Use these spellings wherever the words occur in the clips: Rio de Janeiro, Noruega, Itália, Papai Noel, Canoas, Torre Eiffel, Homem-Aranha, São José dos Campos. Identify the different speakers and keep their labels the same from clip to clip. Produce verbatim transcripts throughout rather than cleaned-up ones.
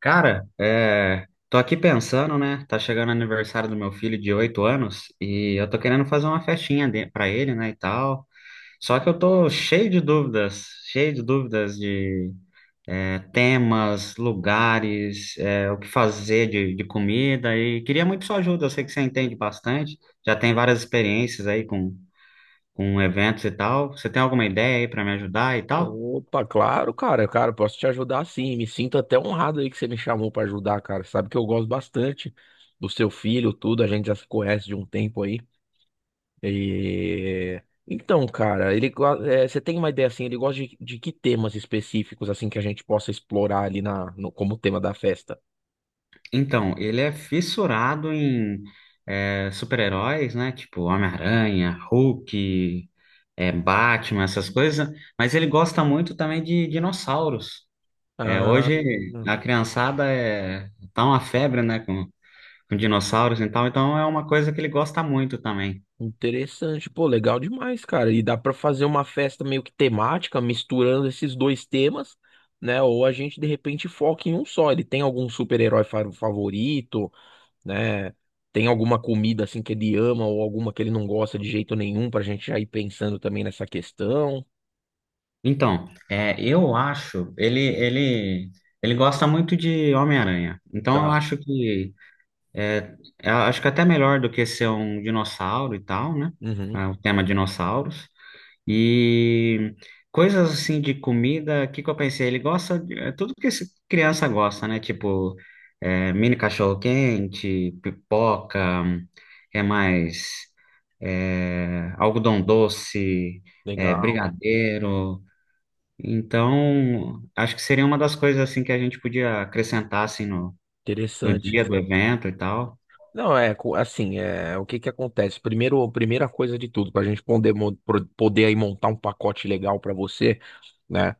Speaker 1: Cara, é, tô aqui pensando, né? Tá chegando o aniversário do meu filho de oito anos e eu tô querendo fazer uma festinha de... pra ele, né, e tal. Só que eu tô cheio de dúvidas, cheio de dúvidas de é, temas, lugares, é, o que fazer de, de comida e queria muito sua ajuda. Eu sei que você entende bastante, já tem várias experiências aí com, com eventos e tal. Você tem alguma ideia aí pra me ajudar e tal?
Speaker 2: Opa, claro, cara. Cara, eu posso te ajudar sim. Me sinto até honrado aí que você me chamou pra ajudar, cara. Sabe que eu gosto bastante do seu filho, tudo. A gente já se conhece de um tempo aí. E... Então, cara, ele go- é, você tem uma ideia assim? Ele gosta de, de que temas específicos assim que a gente possa explorar ali na, no- como tema da festa?
Speaker 1: Então, ele é fissurado em é, super-heróis, né? Tipo Homem-Aranha, Hulk, é, Batman, essas coisas. Mas ele gosta muito também de dinossauros. É,
Speaker 2: Ah.
Speaker 1: hoje a criançada é, tá uma febre, né? Com, com dinossauros e tal. Então é uma coisa que ele gosta muito também.
Speaker 2: Interessante, pô, legal demais, cara. E dá pra fazer uma festa meio que temática, misturando esses dois temas, né? Ou a gente de repente foca em um só. Ele tem algum super-herói fa- favorito, né? Tem alguma comida assim que ele ama ou alguma que ele não gosta de jeito nenhum pra gente já ir pensando também nessa questão.
Speaker 1: Então, é, eu acho, ele, ele, ele gosta muito de Homem-Aranha. Então eu
Speaker 2: Tá.
Speaker 1: acho que É, eu acho que até melhor do que ser um dinossauro e tal, né?
Speaker 2: Uhum.
Speaker 1: Ah, o tema dinossauros. E coisas assim de comida, o que que eu pensei? Ele gosta de é tudo que esse criança gosta, né? Tipo, é, mini cachorro-quente, pipoca, hum, que mais? É, algodão doce, é,
Speaker 2: Legal,
Speaker 1: brigadeiro. Então, acho que seria uma das coisas assim que a gente podia acrescentar assim, no, no
Speaker 2: interessante.
Speaker 1: dia do evento e tal.
Speaker 2: Não, é co- assim, é o que que acontece? Primeiro, primeira coisa de tudo, para a gente poder, mo- pro- poder aí montar um pacote legal para você, né?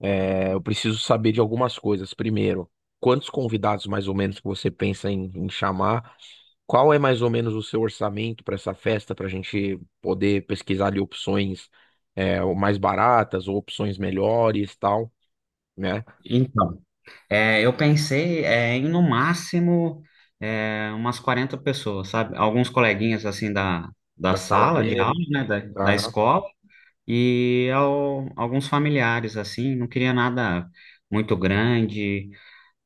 Speaker 2: É, eu preciso saber de algumas coisas. Primeiro, quantos convidados mais ou menos que você pensa em, em chamar? Qual é mais ou menos o seu orçamento para essa festa, para a gente poder pesquisar ali opções é, ou mais baratas ou opções melhores, tal, né?
Speaker 1: Então. É, eu pensei é, em no máximo é, umas quarenta pessoas, sabe? Alguns coleguinhas assim da, da
Speaker 2: Da sala
Speaker 1: sala de aula,
Speaker 2: dele.
Speaker 1: né? Da, da
Speaker 2: Tá,
Speaker 1: escola e ao- alguns familiares assim. Não queria nada muito grande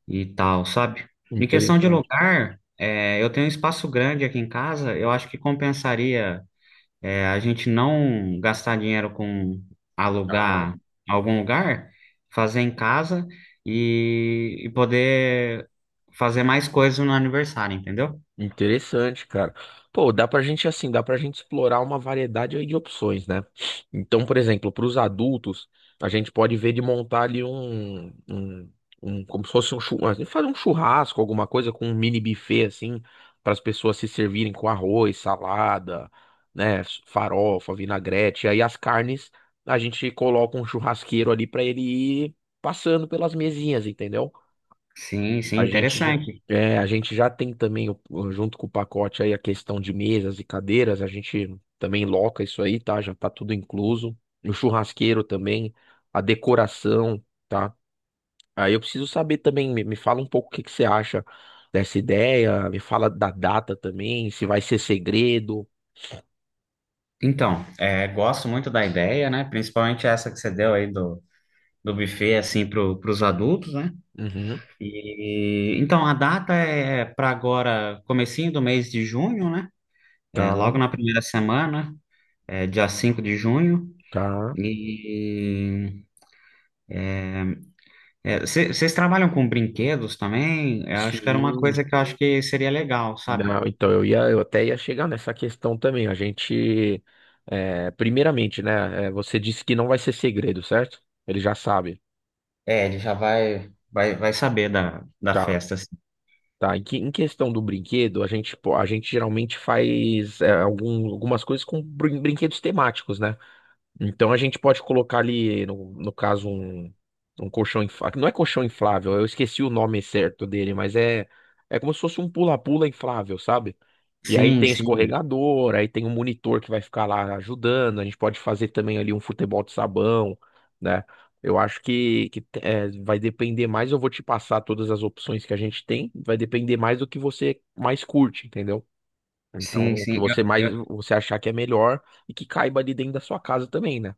Speaker 1: e tal, sabe? Em questão de
Speaker 2: interessante.
Speaker 1: lugar, é, eu tenho um espaço grande aqui em casa. Eu acho que compensaria é, a gente não gastar dinheiro com
Speaker 2: Tá.
Speaker 1: alugar algum lugar, fazer em casa e, e poder fazer mais coisas no aniversário, entendeu?
Speaker 2: Interessante, cara. Pô, dá pra gente assim, dá pra gente explorar uma variedade aí de opções, né? Então, por exemplo, para os adultos, a gente pode ver de montar ali um, um, um- como se fosse um churrasco, fazer um churrasco, alguma coisa com um mini buffet assim, para as pessoas se servirem com arroz, salada, né, farofa, vinagrete, aí as carnes, a gente coloca um churrasqueiro ali pra ele ir passando pelas mesinhas, entendeu?
Speaker 1: Sim, sim,
Speaker 2: A gente, já-
Speaker 1: interessante.
Speaker 2: é, a gente já tem também, o- o- junto com o pacote aí, a questão de mesas e cadeiras. A gente também loca isso aí, tá? Já tá tudo incluso. E o churrasqueiro também, a decoração, tá? Aí eu preciso saber também, me, me fala um pouco o que que você acha dessa ideia, me fala da data também, se vai ser segredo.
Speaker 1: Então, é, gosto muito da ideia, né? Principalmente essa que você deu aí do, do buffet, assim, pro, pros adultos, né?
Speaker 2: Uhum.
Speaker 1: E, então, a data é para agora, comecinho do mês de junho, né?
Speaker 2: Tá,
Speaker 1: É, logo na primeira semana, é, dia cinco de junho.
Speaker 2: tá.
Speaker 1: E É, cê- vocês trabalham com brinquedos também? Eu acho que era uma
Speaker 2: Sim.
Speaker 1: coisa que eu acho que seria legal, sabe?
Speaker 2: Não, então eu ia, eu até ia chegar nessa questão também. A gente, é, primeiramente, né? É, você disse que não vai ser segredo, certo? Ele já sabe.
Speaker 1: É, ele já vai, vai, vai saber da, da
Speaker 2: Tá,
Speaker 1: festa assim.
Speaker 2: tá. Em, que- em questão do brinquedo, a gente, pô, a gente geralmente faz é, algum- algumas coisas com brin- brinquedos temáticos, né? Então a gente pode colocar ali, no, no caso, um, um colchão inflável. Não é colchão inflável, eu esqueci o nome certo dele, mas é, é como se fosse um pula-pula inflável, sabe? E aí
Speaker 1: Sim,
Speaker 2: tem
Speaker 1: sim,
Speaker 2: escorregador, aí tem um monitor que vai ficar lá ajudando. A gente pode fazer também ali um futebol de sabão, né? Eu acho que, que é, vai depender mais. Eu vou te passar todas as opções que a gente tem. Vai depender mais do que você mais curte, entendeu?
Speaker 1: sim,
Speaker 2: Então, o que
Speaker 1: sim. Eu,
Speaker 2: você mais
Speaker 1: eu-
Speaker 2: você achar que é melhor e que caiba ali dentro da sua casa também, né?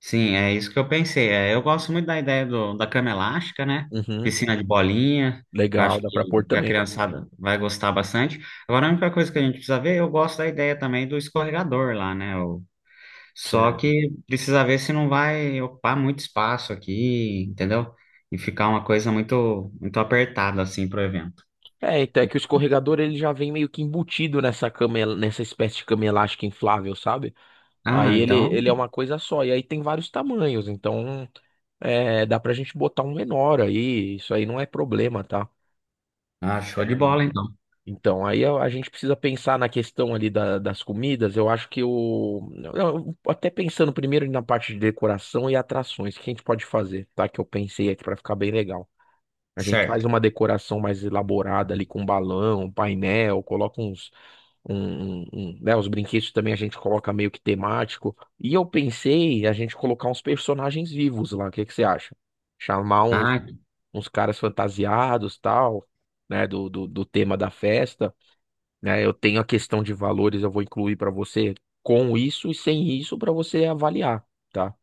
Speaker 1: Sim, é isso que eu pensei. É, eu gosto muito da ideia do, da cama elástica, né?
Speaker 2: Uhum.
Speaker 1: Piscina de bolinha, que eu
Speaker 2: Legal,
Speaker 1: acho
Speaker 2: dá pra pôr
Speaker 1: que, que a
Speaker 2: também.
Speaker 1: criançada vai gostar bastante. Agora, a única coisa que a gente precisa ver, eu gosto da ideia também do escorregador lá, né? Só
Speaker 2: Certo.
Speaker 1: que precisa ver se não vai ocupar muito espaço aqui, entendeu? E ficar uma coisa muito, muito apertada assim pro evento.
Speaker 2: É, então é que o escorregador ele já vem meio que embutido nessa cama, el- nessa espécie de cama elástica inflável, sabe? Aí
Speaker 1: Ah,
Speaker 2: ele,
Speaker 1: então,
Speaker 2: ele é uma coisa só, e aí tem vários tamanhos, então é, dá pra gente botar um menor aí, isso aí não é problema, tá?
Speaker 1: ah, show
Speaker 2: É,
Speaker 1: de bola então.
Speaker 2: então, aí a a gente precisa pensar na questão ali da- das comidas. Eu acho que o. eu- Até pensando primeiro na parte de decoração e atrações, o que a gente pode fazer, tá? Que eu pensei aqui pra ficar bem legal. A gente faz
Speaker 1: Certo.
Speaker 2: uma decoração mais elaborada ali com balão, painel, coloca uns, um, um- um, né, os brinquedos também a gente coloca meio que temático. E eu pensei a gente colocar uns personagens vivos lá. O que que você acha? Chamar uns,
Speaker 1: Ah,
Speaker 2: uns caras fantasiados, tal, né, do, do, do tema da festa, né? Eu tenho a questão de valores, eu vou incluir para você com isso e sem isso para você avaliar, tá?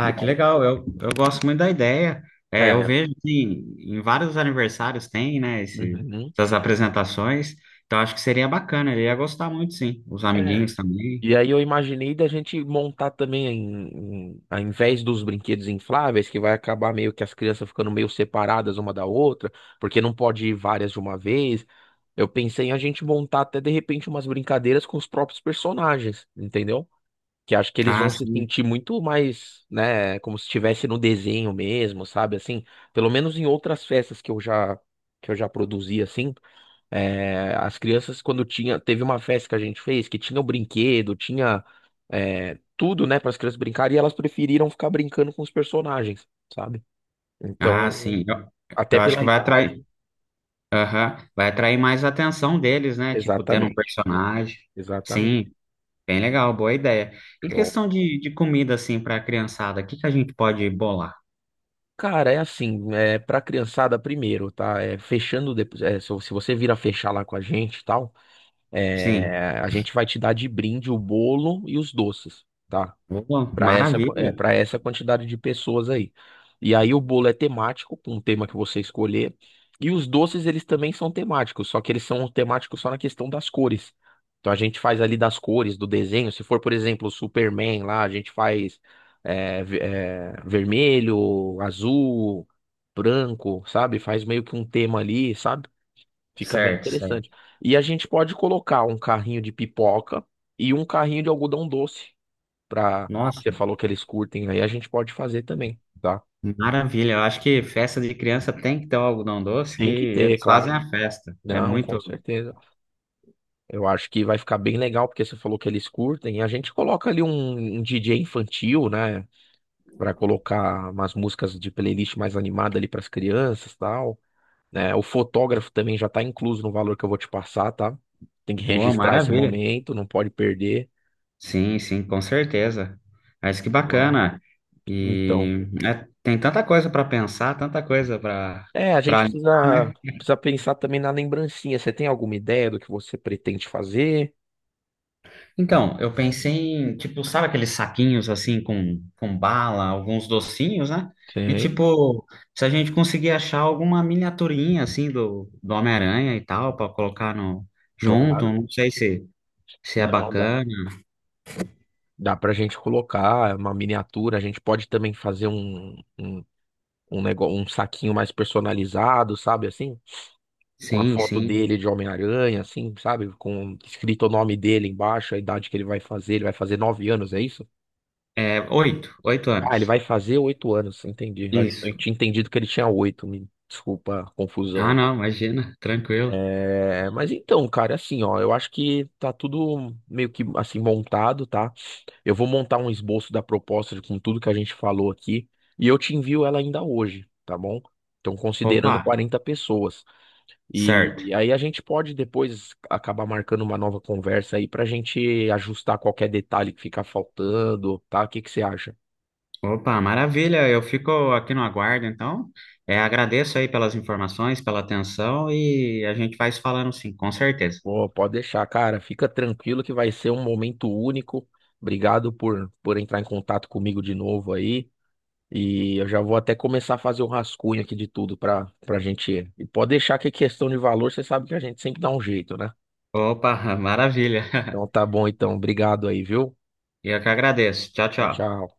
Speaker 2: E
Speaker 1: que
Speaker 2: aí,
Speaker 1: legal. Eu, eu gosto muito da ideia.
Speaker 2: é,
Speaker 1: É, eu
Speaker 2: é,
Speaker 1: vejo que em vários aniversários tem, né, esse,
Speaker 2: uhum.
Speaker 1: essas apresentações. Então acho que seria bacana. Ele ia gostar muito, sim. Os amiguinhos também.
Speaker 2: E aí eu imaginei da gente montar também, em, em- ao invés dos brinquedos infláveis, que vai acabar meio que as crianças ficando meio separadas uma da outra, porque não pode ir várias de uma vez. Eu pensei em a gente montar até de repente umas brincadeiras com os próprios personagens, entendeu? Que acho que eles
Speaker 1: Ah,
Speaker 2: vão se
Speaker 1: sim.
Speaker 2: sentir muito mais, né, como se estivesse no desenho mesmo, sabe? Assim, pelo menos em outras festas que eu já que eu já produzi assim. É, as crianças, quando tinha, teve uma festa que a gente fez que tinha o brinquedo, tinha é, tudo, né, para as crianças brincarem, e elas preferiram ficar brincando com os personagens, sabe?
Speaker 1: Ah,
Speaker 2: Então,
Speaker 1: sim. Eu,
Speaker 2: até
Speaker 1: eu acho que
Speaker 2: pela
Speaker 1: vai
Speaker 2: idade.
Speaker 1: atrair Aham. Vai atrair mais a atenção deles, né? Tipo, tendo um
Speaker 2: Exatamente,
Speaker 1: personagem.
Speaker 2: exatamente.
Speaker 1: Sim, bem legal, boa ideia. E
Speaker 2: Show.
Speaker 1: questão de, de comida, assim, para a criançada, o que que a gente pode bolar?
Speaker 2: Cara, é assim, é pra criançada primeiro, tá? É, fechando depois, é, se, se você vir a fechar lá com a gente e tal,
Speaker 1: Sim,
Speaker 2: é, a gente vai te dar de brinde o bolo e os doces, tá,
Speaker 1: boa,
Speaker 2: para essa,
Speaker 1: maravilha.
Speaker 2: é, para essa quantidade de pessoas aí. E aí o bolo é temático, com um tema que você escolher. E os doces, eles também são temáticos, só que eles são temáticos só na questão das cores. Então a gente faz ali das cores, do desenho. Se for, por exemplo, o Superman lá, a gente faz é, ve- é, vermelho, azul, branco, sabe? Faz meio que um tema ali, sabe? Fica bem
Speaker 1: Certo,
Speaker 2: interessante.
Speaker 1: certo.
Speaker 2: E a gente pode colocar um carrinho de pipoca e um carrinho de algodão doce pra.
Speaker 1: Nossa,
Speaker 2: Você falou que eles curtem aí, a gente pode fazer também, tá?
Speaker 1: maravilha. Eu acho que festa de criança tem que ter o algodão doce, que
Speaker 2: Tem que ter,
Speaker 1: eles fazem
Speaker 2: claro.
Speaker 1: a festa. É
Speaker 2: Não, com
Speaker 1: muito.
Speaker 2: certeza. Eu acho que vai ficar bem legal, porque você falou que eles curtem, a gente coloca ali um, um D J infantil, né? Pra colocar umas músicas de playlist mais animada ali pras crianças e tal. Né? O fotógrafo também já tá incluso no valor que eu vou te passar, tá? Tem que
Speaker 1: Boa,
Speaker 2: registrar esse
Speaker 1: maravilha.
Speaker 2: momento, não pode perder.
Speaker 1: Sim, sim, com certeza. Mas que
Speaker 2: Então, ah,
Speaker 1: bacana.
Speaker 2: então,
Speaker 1: E é, tem tanta coisa para pensar, tanta coisa para
Speaker 2: é, a gente
Speaker 1: para alinhar,
Speaker 2: precisa,
Speaker 1: né?
Speaker 2: precisa pensar também na lembrancinha. Você tem alguma ideia do que você pretende fazer?
Speaker 1: Então, eu pensei em, tipo, sabe aqueles saquinhos assim com, com bala, alguns docinhos, né? E
Speaker 2: Sim,
Speaker 1: tipo, se a gente conseguir achar alguma miniaturinha assim do, do Homem-Aranha e tal, para colocar no junto,
Speaker 2: claro.
Speaker 1: não sei se, se é
Speaker 2: Não, dá,
Speaker 1: bacana.
Speaker 2: dá pra gente colocar é uma miniatura, a gente pode também fazer um, um, um negócio, um saquinho mais personalizado, sabe, assim? Com a
Speaker 1: Sim,
Speaker 2: foto
Speaker 1: sim.
Speaker 2: dele de Homem-Aranha, assim, sabe? Com escrito o nome dele embaixo, a idade que ele vai fazer, ele vai fazer nove anos, é isso?
Speaker 1: É, oito, oito
Speaker 2: Ah, ele
Speaker 1: anos.
Speaker 2: vai fazer oito anos, entendi. Eu
Speaker 1: Isso.
Speaker 2: tinha entendido que ele tinha oito, me desculpa a
Speaker 1: Ah,
Speaker 2: confusão.
Speaker 1: não, imagina, tranquilo.
Speaker 2: É, mas então, cara, assim, ó, eu acho que tá tudo meio que assim montado, tá? Eu vou montar um esboço da proposta de- com tudo que a gente falou aqui e eu te envio ela ainda hoje, tá bom? Então,
Speaker 1: Opa,
Speaker 2: considerando quarenta pessoas. E,
Speaker 1: certo.
Speaker 2: e aí a gente pode depois acabar marcando uma nova conversa aí pra gente ajustar qualquer detalhe que ficar faltando, tá? O que que você acha?
Speaker 1: Opa, maravilha. Eu fico aqui no aguardo, então. É, agradeço aí pelas informações, pela atenção e a gente vai se falando sim, com certeza.
Speaker 2: Pô, pode deixar, cara. Fica tranquilo que vai ser um momento único. Obrigado por, por entrar em contato comigo de novo aí. E eu já vou até começar a fazer o rascunho aqui de tudo para para gente ir. E pode deixar que é questão de valor, você sabe que a gente sempre dá um jeito, né?
Speaker 1: Opa, maravilha.
Speaker 2: Então tá bom, então. Obrigado aí, viu?
Speaker 1: Eu que agradeço. Tchau,
Speaker 2: Tchau,
Speaker 1: tchau.
Speaker 2: tchau.